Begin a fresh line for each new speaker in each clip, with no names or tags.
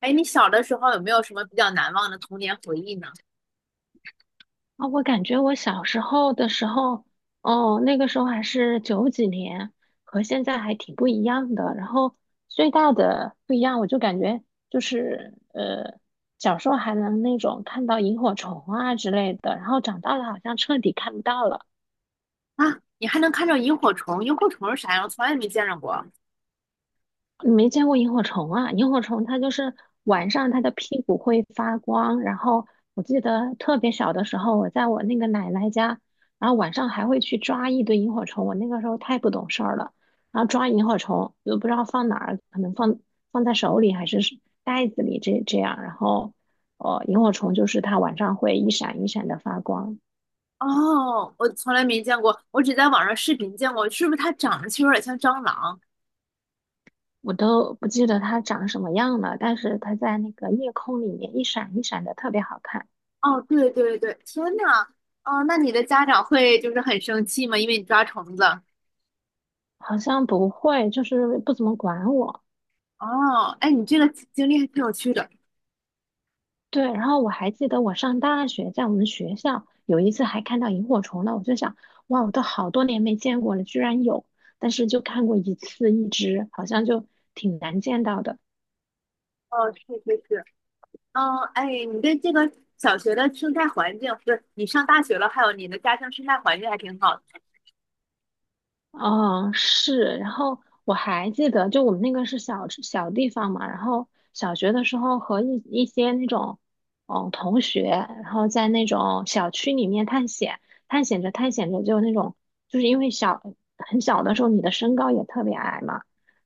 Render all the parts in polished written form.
哎，你小的时候有没有什么比较难忘的童年回忆呢？
啊，我感觉我小时候，哦，那个时候还是九几年，和现在还挺不一样的。然后最大的不一样，我就感觉就是呃，小时候还能那种看到萤火虫啊之类的，然后长大了好像彻底看不到了。
啊，你还能看到萤火虫？萤火虫是啥样？我从来没见着过。
你没见过萤火虫啊？萤火虫它就是晚上它的屁股会发光，然后我记得特别小的时候，我在我那个奶奶家，然后晚上还会去抓一堆萤火虫。我那个时候太不懂事儿了，然后抓萤火虫又不知道放哪儿，可能放在手里还是袋子里这样，然后哦，萤火虫就是它晚上会一闪一闪的发光，
哦，我从来没见过，我只在网上视频见过。是不是它长得其实有点像蟑螂？
我都不记得它长什么样了，但是它在那个夜空里面一闪一闪的特别好看。
哦，对对对，天呐！哦，那你的家长会就是很生气吗？因为你抓虫子。
好像不会，就是不怎么管我。
哦，哎，你这个经历还挺有趣的。
对，然后我还记得我上大学，在我们学校有一次还看到萤火虫呢，我就想，哇，我都好多年没见过了，居然有，但是就看过一次一只，好像就挺难见到的。
哦，是是是，嗯，哎，你对这个小学的生态环境，不是你上大学了，还有你的家乡生态环境还挺好的。
哦，是，然后我还记得，就我们那个是小小地方嘛，然后小学的时候和一些那种，嗯，同学，然后在那种小区里面探险，探险着探险着就那种，就是因为小很小的时候你的身高也特别矮嘛，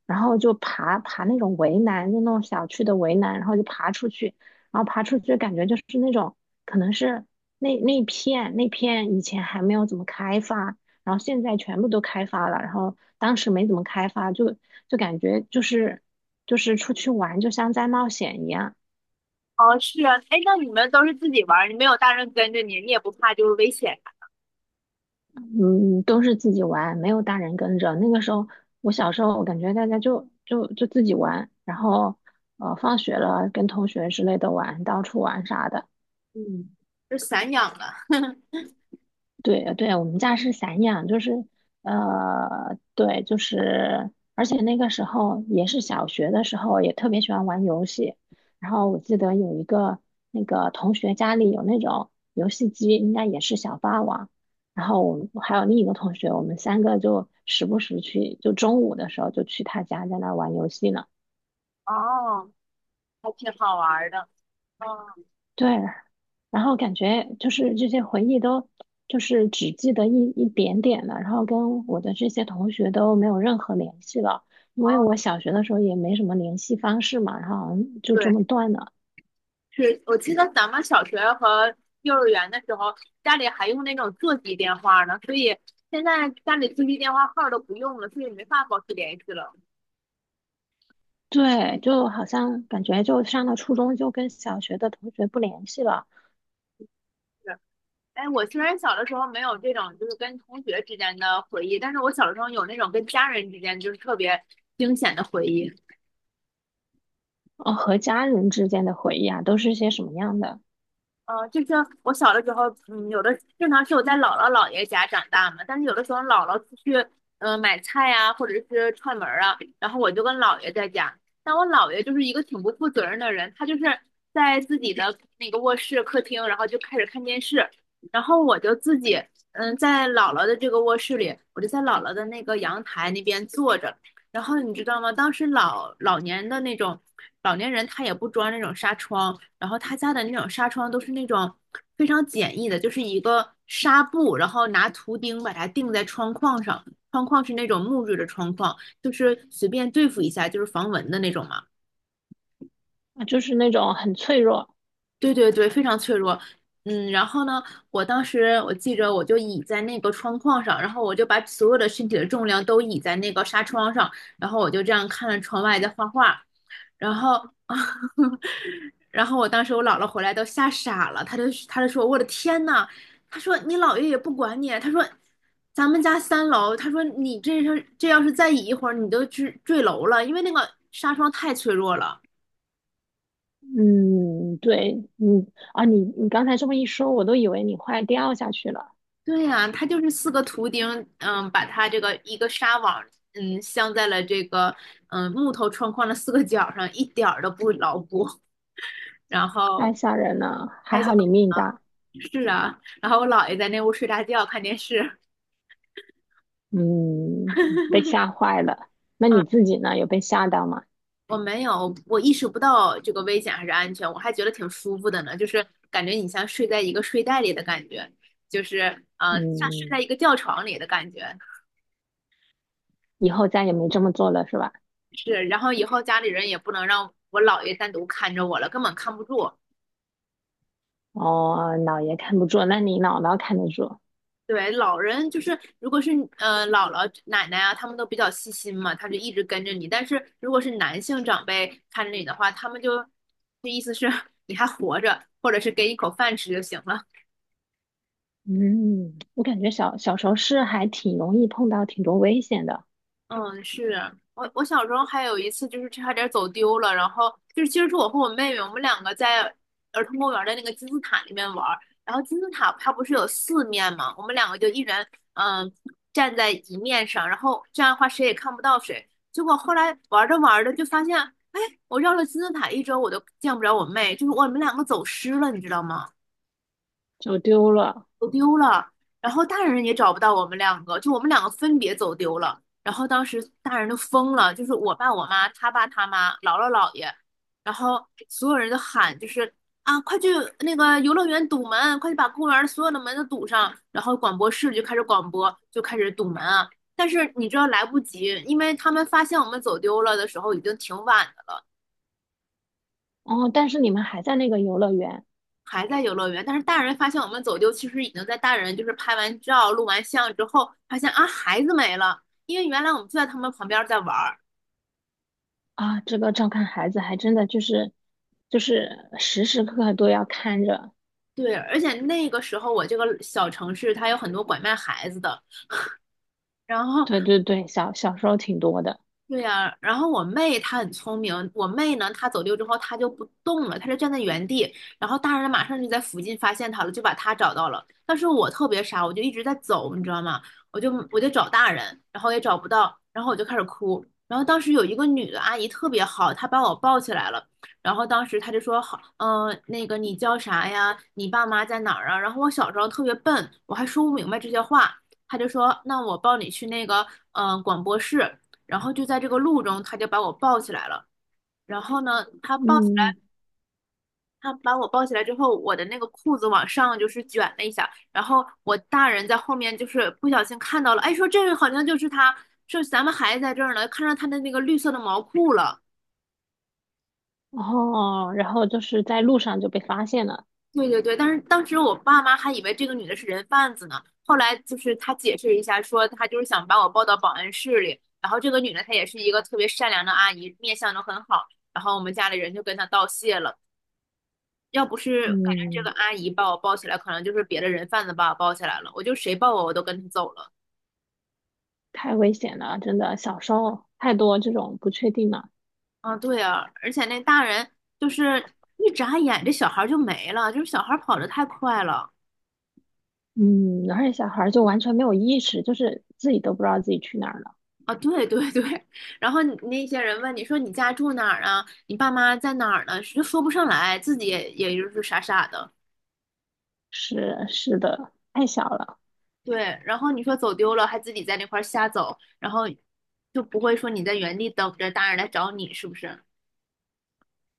然后就爬那种围栏，就那种小区的围栏，然后就爬出去，然后爬出去感觉就是那种可能是那那片那片以前还没有怎么开发。然后现在全部都开发了，然后当时没怎么开发，就感觉就是出去玩就像在冒险一样，
哦，是啊，哎，那你们都是自己玩儿，你没有大人跟着你，你也不怕就是危险啥
嗯，都是自己玩，没有大人跟着。那个时候我小时候，我感觉大家就自己玩，然后放学了跟同学之类的玩，到处玩啥的。
嗯，就散养的。
对对，我们家是散养，就是对，就是，而且那个时候也是小学的时候，也特别喜欢玩游戏。然后我记得有一个那个同学家里有那种游戏机，应该也是小霸王。然后我们还有另一个同学，我们三个就时不时去，就中午的时候就去他家在那玩游戏呢。
哦，还挺好玩儿的。哦
对，然后感觉就是这些回忆都就是只记得一点点了，然后跟我的这些同学都没有任何联系了，因为我
哦，
小学的时候也没什么联系方式嘛，然后好像就这
对，
么断了。
是我记得咱们小学和幼儿园的时候，家里还用那种座机电话呢，所以现在家里座机电话号儿都不用了，所以没法保持联系了。
对，就好像感觉就上了初中就跟小学的同学不联系了。
是，哎，我虽然小的时候没有这种就是跟同学之间的回忆，但是我小的时候有那种跟家人之间就是特别惊险的回忆。
哦，和家人之间的回忆啊，都是些什么样的
就是我小的时候，嗯，有的正常是我在姥姥姥爷家长大嘛，但是有的时候姥姥出去，嗯、买菜呀、或者是串门儿啊，然后我就跟姥爷在家。但我姥爷就是一个挺不负责任的人，他就是在自己的那个卧室、客厅，然后就开始看电视，然后我就自己，嗯，在姥姥的这个卧室里，我就在姥姥的那个阳台那边坐着。然后你知道吗？当时老老年的那种老年人，他也不装那种纱窗。然后他家的那种纱窗都是那种非常简易的，就是一个纱布，然后拿图钉把它钉在窗框上，窗框是那种木质的窗框，就是随便对付一下，就是防蚊的那种嘛。
啊？就是那种很脆弱。
对对对，非常脆弱。嗯，然后呢，我当时我记着，我就倚在那个窗框上，然后我就把所有的身体的重量都倚在那个纱窗上，然后我就这样看着窗外在画画，然后，然后我当时我姥姥回来都吓傻了，她就说我的天呐，她说你姥爷也不管你，她说咱们家三楼，她说你这是这要是再倚一会儿，你都坠楼了，因为那个纱窗太脆弱了。
嗯，对，嗯，啊，你刚才这么一说，我都以为你快掉下去了。
对呀，它就是四个图钉，嗯，把它这个一个纱网，嗯，镶在了这个嗯木头窗框的四个角上，一点儿都不牢固。然
太
后
吓人了，还
看一下
好你命大，
是啊，然后我姥爷在那屋睡大觉看电视。
嗯，被吓坏了。那
啊，
你自己呢？有被吓到吗？
我没有，我意识不到这个危险还是安全，我还觉得挺舒服的呢，就是感觉你像睡在一个睡袋里的感觉，就是嗯，像睡
嗯，
在一个吊床里的感觉。
以后再也没这么做了，是吧？
是，然后以后家里人也不能让我姥爷单独看着我了，根本看不住。
哦，姥爷看不住，那你姥姥看得住。
对，老人就是，如果是姥姥、奶奶啊，他们都比较细心嘛，他就一直跟着你。但是如果是男性长辈看着你的话，他们就，就意思是 你还活着，或者是给你口饭吃就行了。
嗯，我感觉小小时候是还挺容易碰到挺多危险的，
嗯，是啊我小时候还有一次就是差点走丢了，然后就是其实是我和我妹妹，我们两个在儿童公园的那个金字塔里面玩儿，然后金字塔它不是有四面嘛，我们两个就一人嗯站在一面上，然后这样的话谁也看不到谁。结果后来玩着玩着就发现，哎，我绕了金字塔一周我都见不着我妹，就是我们两个走失了，你知道吗？
走丢了。
走丢了，然后大人也找不到我们两个，就我们两个分别走丢了。然后当时大人都疯了，就是我爸、我妈、他爸、他妈、姥姥、姥爷，然后所有人都喊，就是啊，快去那个游乐园堵门，快去把公园所有的门都堵上。然后广播室就开始广播，就开始堵门啊。但是你知道来不及，因为他们发现我们走丢了的时候已经挺晚的了。
哦，但是你们还在那个游乐园
还在游乐园，但是大人发现我们走丢，其实已经在大人就是拍完照、录完像之后，发现啊孩子没了，因为原来我们就在他们旁边在玩儿。
啊，这个照看孩子还真的就是就是时时刻刻都要看着。
对，而且那个时候我这个小城市它有很多拐卖孩子的，然后
对对对，小小时候挺多的。
对呀，然后我妹她很聪明，我妹呢，她走丢之后她就不动了，她就站在原地，然后大人马上就在附近发现她了，就把她找到了。但是我特别傻，我就一直在走，你知道吗？我就找大人，然后也找不到，然后我就开始哭。然后当时有一个女的阿姨特别好，她把我抱起来了，然后当时她就说好，嗯、那个你叫啥呀？你爸妈在哪儿啊？然后我小时候特别笨，我还说不明白这些话，她就说那我抱你去那个嗯、广播室。然后就在这个路中，他就把我抱起来了。然后呢，他抱起
嗯。
来，他把我抱起来之后，我的那个裤子往上就是卷了一下，然后我大人在后面就是不小心看到了，哎，说这个好像就是他，说咱们孩子在这儿呢，看上他的那个绿色的毛裤了。
哦，然后就是在路上就被发现了，
对对对，但是当时我爸妈还以为这个女的是人贩子呢，后来就是他解释一下，说他就是想把我抱到保安室里，然后这个女的她也是一个特别善良的阿姨，面相都很好，然后我们家里人就跟她道谢了。要不是感觉这个
嗯，
阿姨把我抱起来，可能就是别的人贩子把我抱起来了。我就谁抱我，我都跟他走了。
太危险了，真的，小时候太多这种不确定了，
啊，对啊，而且那大人就是一眨眼，这小孩儿就没了，就是小孩儿跑的太快了。
嗯，而且小孩儿就完全没有意识，就是自己都不知道自己去哪儿了，
啊，对对对，然后你那些人问你说你家住哪儿啊？你爸妈在哪儿呢？就说不上来，自己也就是傻傻的。
是是的，太小了，
对，然后你说走丢了，还自己在那块儿瞎走，然后就不会说你在原地等着大人来找你，是不是？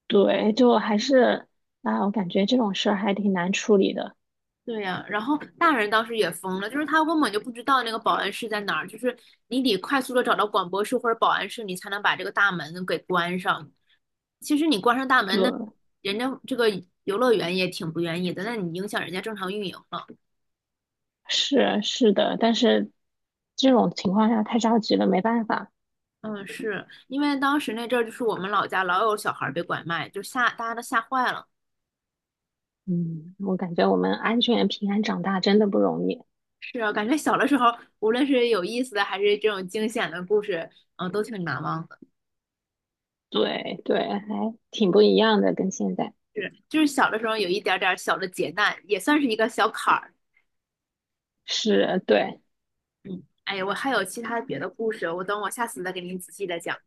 对，就还是啊，我感觉这种事儿还挺难处理的，
对呀，然后大人当时也疯了，就是他根本就不知道那个保安室在哪儿，就是你得快速的找到广播室或者保安室，你才能把这个大门给关上。其实你关上大
对，
门，那人家这个游乐园也挺不愿意的，那你影响人家正常运营了。
是是的，但是这种情况下太着急了，没办法，
嗯，是因为当时那阵儿就是我们老家老有小孩儿被拐卖，就吓大家都吓坏了。
嗯，我感觉我们安全平安长大真的不容易。
是啊，感觉小的时候，无论是有意思的还是这种惊险的故事，嗯，都挺难忘的
对对，还挺不一样的，跟现在
是，就是小的时候有一点点小的劫难，也算是一个小坎儿。
是，对。
嗯，哎呀，我还有其他别的故事，我等我下次再给您仔细的讲。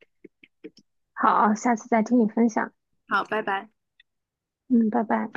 好，下次再听你分享。
好，拜拜。
嗯，拜拜。